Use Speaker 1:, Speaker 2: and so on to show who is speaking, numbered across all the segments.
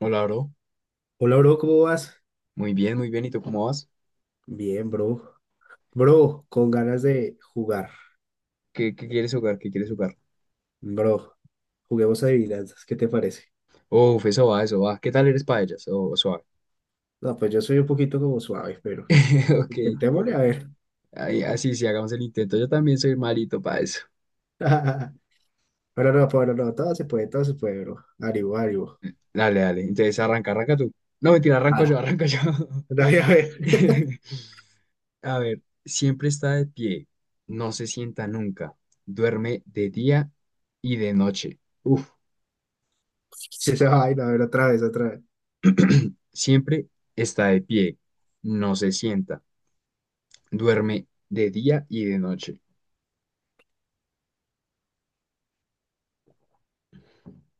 Speaker 1: Hola, bro.
Speaker 2: Hola, bro, ¿cómo vas?
Speaker 1: Muy bien, muy bien. ¿Y tú cómo vas?
Speaker 2: Bien, bro. Bro, con ganas de jugar.
Speaker 1: ¿Qué quieres jugar? ¿Qué quieres jugar?
Speaker 2: Bro, juguemos adivinanzas, ¿qué te parece?
Speaker 1: Uf, eso va, eso va. ¿Qué tal eres para ellas? Oh, suave.
Speaker 2: No, pues yo soy un poquito como suave, pero pues
Speaker 1: Ok.
Speaker 2: intentémosle a ver.
Speaker 1: Ahí, así, sí, hagamos el intento. Yo también soy malito para eso.
Speaker 2: Pero no, todo se puede, bro. Ánimo, ánimo.
Speaker 1: Dale, dale. Entonces, arranca tú. No, mentira,
Speaker 2: Ah,
Speaker 1: arranco yo, arranco yo.
Speaker 2: no, a ver.
Speaker 1: A ver, siempre está de pie. No se sienta nunca. Duerme de día y de noche. Uf,
Speaker 2: Sí, esa vaina, a ver, otra vez, otra vez.
Speaker 1: siempre está de pie. No se sienta. Duerme de día y de noche.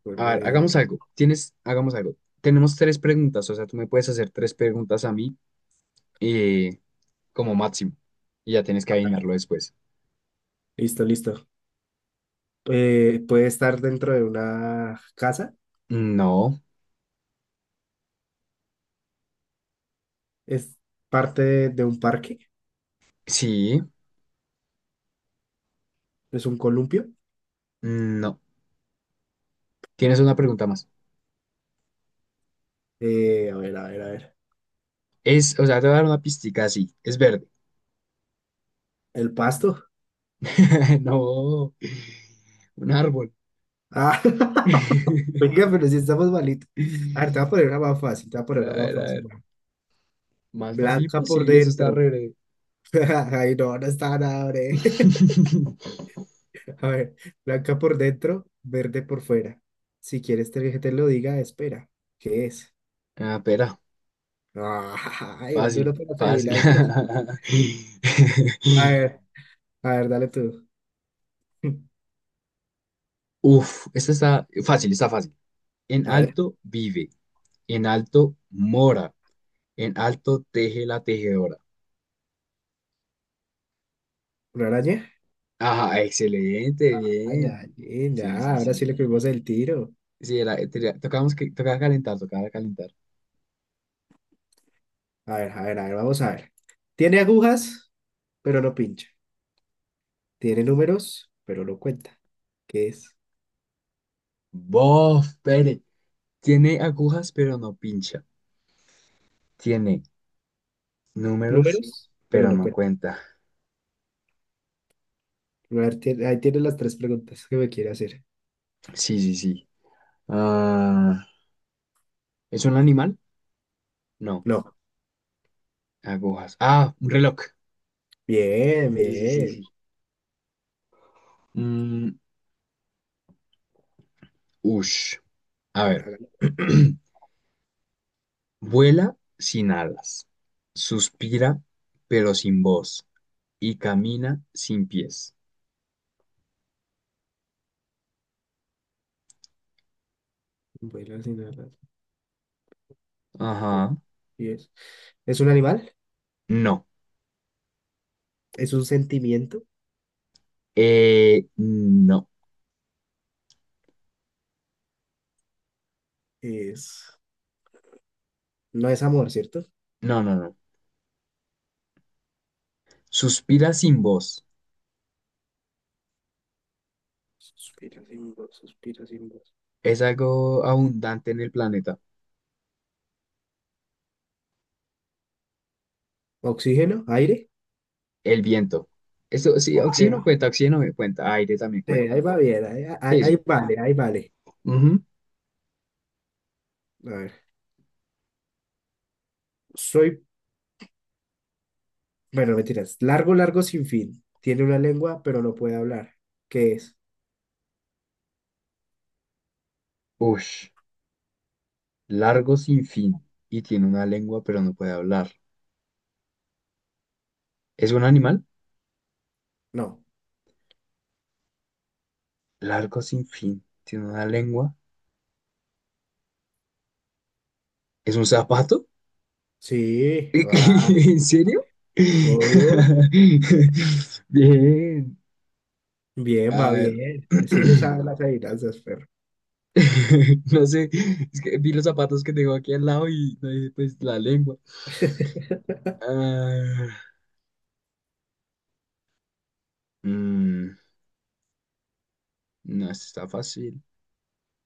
Speaker 2: Por
Speaker 1: A ver,
Speaker 2: medio.
Speaker 1: hagamos algo. Tienes, hagamos algo. Tenemos tres preguntas, o sea, tú me puedes hacer tres preguntas a mí eh, como máximo. Y ya tienes que
Speaker 2: A ver,
Speaker 1: adivinarlo después.
Speaker 2: listo, listo. ¿Puede estar dentro de una casa?
Speaker 1: No,
Speaker 2: ¿Es parte de un parque?
Speaker 1: sí,
Speaker 2: ¿Es un columpio?
Speaker 1: no. Tienes una pregunta más.
Speaker 2: A ver, a ver, a ver.
Speaker 1: Es, o sea, te voy a dar una pistica así. Es verde.
Speaker 2: ¿El pasto?
Speaker 1: No, un árbol.
Speaker 2: Ah, oiga, pero si estamos malitos. A ver, te voy a poner una más fácil, te voy a
Speaker 1: A
Speaker 2: poner una más
Speaker 1: ver, a
Speaker 2: fácil.
Speaker 1: ver.
Speaker 2: Va.
Speaker 1: Más fácil
Speaker 2: Blanca por
Speaker 1: posible, eso está
Speaker 2: dentro.
Speaker 1: re breve.
Speaker 2: Ay, no, no está nada, bre. A ver, blanca por dentro, verde por fuera. Si quieres que te lo diga, espera. ¿Qué es?
Speaker 1: Ah, espera.
Speaker 2: Ay, un duro
Speaker 1: Fácil,
Speaker 2: para las
Speaker 1: fácil.
Speaker 2: adivinanzas. A ver, a ver, dale tú.
Speaker 1: Uf, esta está fácil, está fácil. En
Speaker 2: A ver,
Speaker 1: alto vive, en alto mora, en alto teje la tejedora.
Speaker 2: ¿una araña?
Speaker 1: Ajá, excelente, bien.
Speaker 2: Araña,
Speaker 1: Sí,
Speaker 2: ya,
Speaker 1: sí,
Speaker 2: ahora
Speaker 1: sí,
Speaker 2: sí le
Speaker 1: bien.
Speaker 2: cogimos el tiro.
Speaker 1: Sí, era, tenía- tocábamos que, tocaba calentar, tocaba calentar.
Speaker 2: A ver, a ver, a ver, vamos a ver. Tiene agujas, pero no pincha. Tiene números, pero no cuenta. ¿Qué es?
Speaker 1: Bof, pere. Tiene agujas, pero no pincha. Tiene números,
Speaker 2: Números, pero
Speaker 1: pero
Speaker 2: no
Speaker 1: no
Speaker 2: cuenta.
Speaker 1: cuenta.
Speaker 2: A ver, ahí tiene las tres preguntas que me quiere hacer.
Speaker 1: Sí, sí, sí. Ah, ¿es un animal? No,
Speaker 2: No.
Speaker 1: agujas. Ah, un reloj.
Speaker 2: Bien,
Speaker 1: Sí, sí, sí,
Speaker 2: bien.
Speaker 1: sí. Mm, ush.
Speaker 2: A
Speaker 1: A
Speaker 2: ver,
Speaker 1: ver.
Speaker 2: hágalo.
Speaker 1: Vuela sin alas, suspira pero sin voz y camina sin pies.
Speaker 2: Vuela sin alas. Bien,
Speaker 1: Ajá.
Speaker 2: bien. ¿Es un animal?
Speaker 1: No.
Speaker 2: ¿Es un sentimiento?
Speaker 1: No.
Speaker 2: Es... No es amor, ¿cierto?
Speaker 1: No, no, no. Suspira sin voz.
Speaker 2: Suspira sin voz, suspira sin voz.
Speaker 1: Es algo abundante en el planeta.
Speaker 2: ¿Oxígeno? ¿Aire?
Speaker 1: El viento. Eso sí,
Speaker 2: Ok.
Speaker 1: oxígeno cuenta, oxígeno me cuenta, aire también
Speaker 2: Sí,
Speaker 1: cuenta.
Speaker 2: ahí va bien,
Speaker 1: Sí,
Speaker 2: ahí
Speaker 1: sí.
Speaker 2: vale, ahí vale.
Speaker 1: Ujú.
Speaker 2: A ver, soy, bueno, mentiras, largo, largo, sin fin. Tiene una lengua, pero no puede hablar. ¿Qué es?
Speaker 1: Ush. Largo sin fin y tiene una lengua pero no puede hablar. ¿Es un animal?
Speaker 2: No.
Speaker 1: Largo sin fin. Tiene una lengua. ¿Es un zapato?
Speaker 2: Sí, va,
Speaker 1: ¿En serio?
Speaker 2: obvio.
Speaker 1: Bien.
Speaker 2: Bien,
Speaker 1: A
Speaker 2: va
Speaker 1: ver.
Speaker 2: bien. Sí le sabe las adivinanzas, perro.
Speaker 1: No sé, es que vi los zapatos que tengo aquí al lado y no dije, pues la lengua. Ah, mm, no, esta está fácil.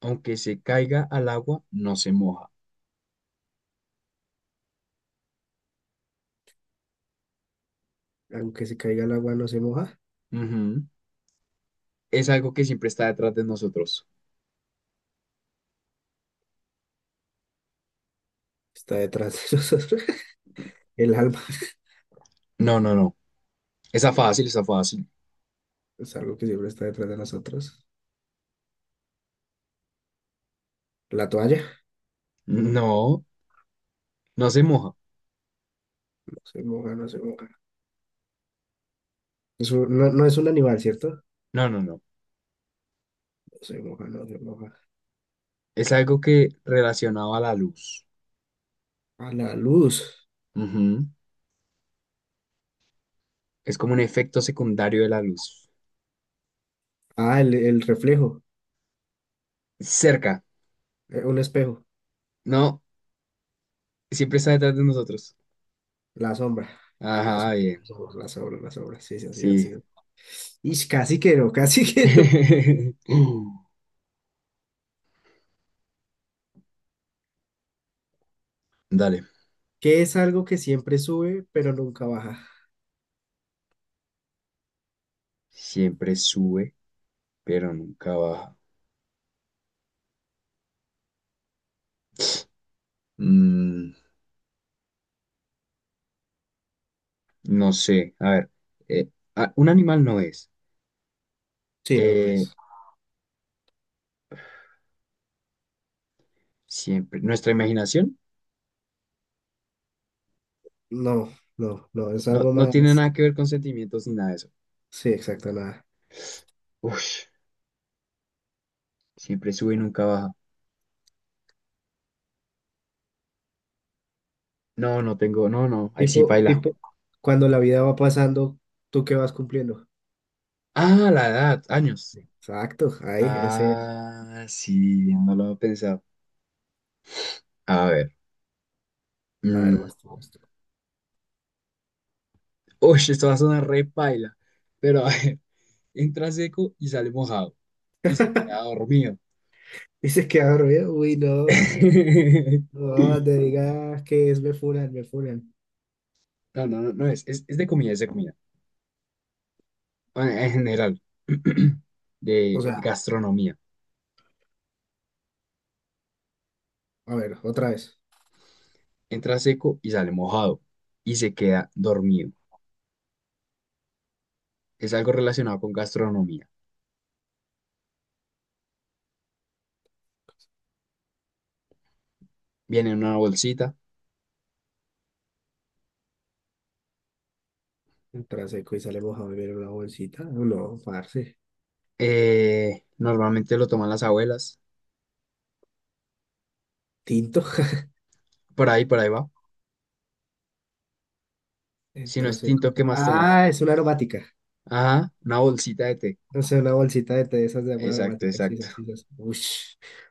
Speaker 1: Aunque se caiga al agua, no se moja.
Speaker 2: Aunque se caiga el agua no se moja.
Speaker 1: Ujú. Es algo que siempre está detrás de nosotros.
Speaker 2: Está detrás de nosotros. El alma
Speaker 1: No, no, no. Está fácil, está fácil.
Speaker 2: es algo que siempre está detrás de nosotros. La toalla.
Speaker 1: No, no se moja.
Speaker 2: No se moja, no se moja. Eso no, no es un animal, ¿cierto?
Speaker 1: No, no, no.
Speaker 2: No se moja, no se moja.
Speaker 1: Es algo que relacionado a la luz.
Speaker 2: A la luz.
Speaker 1: Es como un efecto secundario de la luz.
Speaker 2: Ah, el reflejo.
Speaker 1: Cerca.
Speaker 2: Un espejo.
Speaker 1: No, siempre está detrás de nosotros.
Speaker 2: La sombra. La
Speaker 1: Ajá,
Speaker 2: sombra, la
Speaker 1: bien.
Speaker 2: sombra, la sombra, la sombra. Sí, sí, así, así.
Speaker 1: Sí.
Speaker 2: Y casi que no, casi que no.
Speaker 1: Dale.
Speaker 2: Que es algo que siempre sube, pero nunca baja.
Speaker 1: Siempre sube, pero nunca baja. Mm, no sé. A ver. eh, ah, un animal no es.
Speaker 2: Sí, no, no
Speaker 1: Eh,
Speaker 2: es.
Speaker 1: siempre. Nuestra imaginación
Speaker 2: No, no, no, es
Speaker 1: no,
Speaker 2: algo
Speaker 1: no tiene
Speaker 2: más.
Speaker 1: nada que ver con sentimientos ni nada de eso.
Speaker 2: Sí, exacto, nada.
Speaker 1: Uf, siempre sube y nunca baja. No, no tengo. No, no. Ahí sí
Speaker 2: Tipo,
Speaker 1: baila.
Speaker 2: tipo, cuando la vida va pasando, ¿tú qué vas cumpliendo?
Speaker 1: Ah, la edad. Años.
Speaker 2: Exacto, ahí, ese es.
Speaker 1: Ah, sí, no lo había pensado. A ver.
Speaker 2: A ver,
Speaker 1: Mm,
Speaker 2: vas tú, vas tú.
Speaker 1: uy, esto va a sonar re paila. Pero a ver, entra seco y sale mojado. Y se queda dormido.
Speaker 2: Y se queda dormido. Uy, no. No, te digas que es me funan, me funan.
Speaker 1: No, no, no, no es de comida, es de comida. Bueno, en general,
Speaker 2: O
Speaker 1: de
Speaker 2: sea,
Speaker 1: gastronomía.
Speaker 2: a ver, otra vez.
Speaker 1: Entra seco y sale mojado y se queda dormido. Es algo relacionado con gastronomía. Viene en una bolsita.
Speaker 2: Entra seco y sale mojado y viene una bolsita. No, parce.
Speaker 1: Normalmente lo toman las abuelas.
Speaker 2: Tinto.
Speaker 1: Por ahí va. Si no
Speaker 2: Entra
Speaker 1: es
Speaker 2: seco
Speaker 1: tinto, ¿qué más toman?
Speaker 2: ah, es una aromática.
Speaker 1: Ajá, una bolsita de té.
Speaker 2: No sé, una bolsita de té de esas de agua
Speaker 1: Exacto,
Speaker 2: aromática, sí, sí,
Speaker 1: exacto.
Speaker 2: sí, sí. Uy,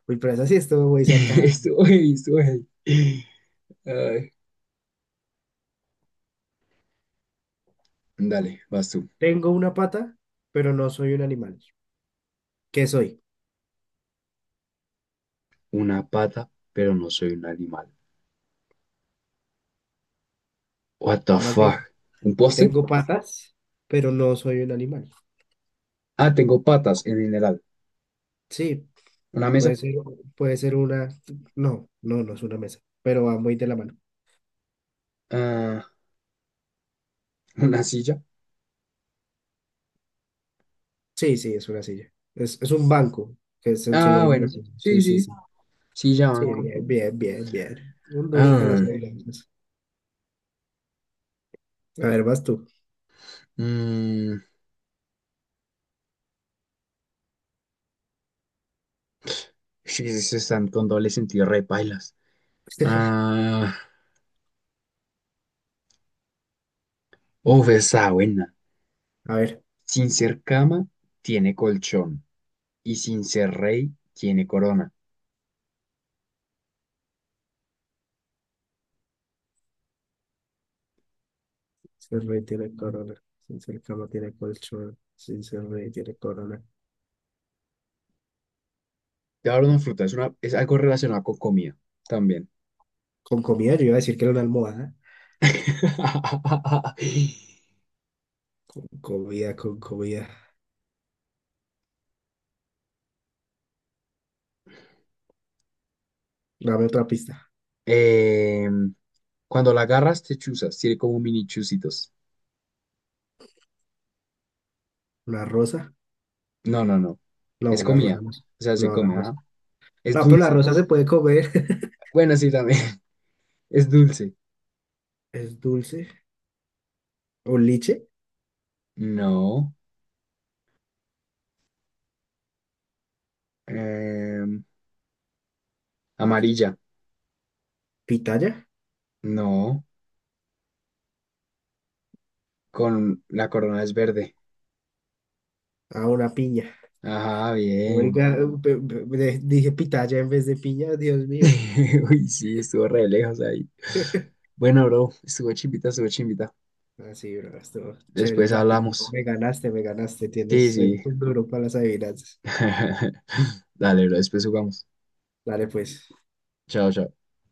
Speaker 2: uy, pero esa sí estuvo muy sacada.
Speaker 1: Estuvo ahí, estuvo ahí. Ay, dale, vas tú.
Speaker 2: Tengo una pata, pero no soy un animal. ¿Qué soy?
Speaker 1: Una pata, pero no soy un animal. What the
Speaker 2: O más bien,
Speaker 1: fuck? ¿Un poste?
Speaker 2: tengo patas, pero no soy un animal.
Speaker 1: Ah, tengo patas en general.
Speaker 2: Sí,
Speaker 1: ¿Una
Speaker 2: puede
Speaker 1: mesa?
Speaker 2: ser, puede ser una. No, no, no es una mesa, pero va muy de la mano.
Speaker 1: Ah, ¿una silla?
Speaker 2: Sí, sí, es una silla. Es un banco, que es el
Speaker 1: Ah,
Speaker 2: sinónimo de
Speaker 1: bueno.
Speaker 2: silla.
Speaker 1: Sí,
Speaker 2: Sí, sí,
Speaker 1: sí.
Speaker 2: sí.
Speaker 1: Silla,
Speaker 2: Sí,
Speaker 1: banco.
Speaker 2: bien, bien, bien, bien. Un duro para las
Speaker 1: Ah,
Speaker 2: adivinanzas. A ver, vas tú.
Speaker 1: mm, sí, sí, sí, están con doble sentido, re pailas. Ah, uf, esa buena.
Speaker 2: A ver.
Speaker 1: Sin ser cama, tiene colchón y sin ser rey tiene corona.
Speaker 2: Si el rey tiene corona, sin ser cama tiene colchón, sin ser rey tiene corona.
Speaker 1: Te voy a dar una fruta, es, una, es algo relacionado con comida también.
Speaker 2: Con comida, yo iba a decir que era una almohada. Comida, con comida. Dame otra pista.
Speaker 1: Eh, cuando la agarras te chuzas, tiene como mini chuzitos.
Speaker 2: ¿Una rosa?
Speaker 1: No, no, no.
Speaker 2: No,
Speaker 1: Es
Speaker 2: una rosa
Speaker 1: comida.
Speaker 2: no
Speaker 1: O sea, se
Speaker 2: No, la
Speaker 1: come,
Speaker 2: rosa.
Speaker 1: ajá. Es
Speaker 2: No, pero la
Speaker 1: dulce.
Speaker 2: rosa se puede comer.
Speaker 1: Bueno, sí, también. Es dulce.
Speaker 2: Es dulce. ¿Un liche?
Speaker 1: No. Eh, amarilla.
Speaker 2: ¿Pitaya?
Speaker 1: No. Con la corona es verde.
Speaker 2: Ah, una piña.
Speaker 1: Ajá, bien.
Speaker 2: Oiga, dije pitaya en vez de piña, Dios mío.
Speaker 1: Uy, sí, estuvo re lejos ahí. Bueno, bro, estuvo chimbita, estuvo chimbita.
Speaker 2: Así, bro, estuvo chévere el
Speaker 1: Después
Speaker 2: ratico.
Speaker 1: hablamos.
Speaker 2: Me ganaste, me ganaste.
Speaker 1: Sí,
Speaker 2: Eres
Speaker 1: sí.
Speaker 2: un duro para las adivinanzas.
Speaker 1: Dale, bro, después jugamos.
Speaker 2: Dale, pues.
Speaker 1: Chao, chao.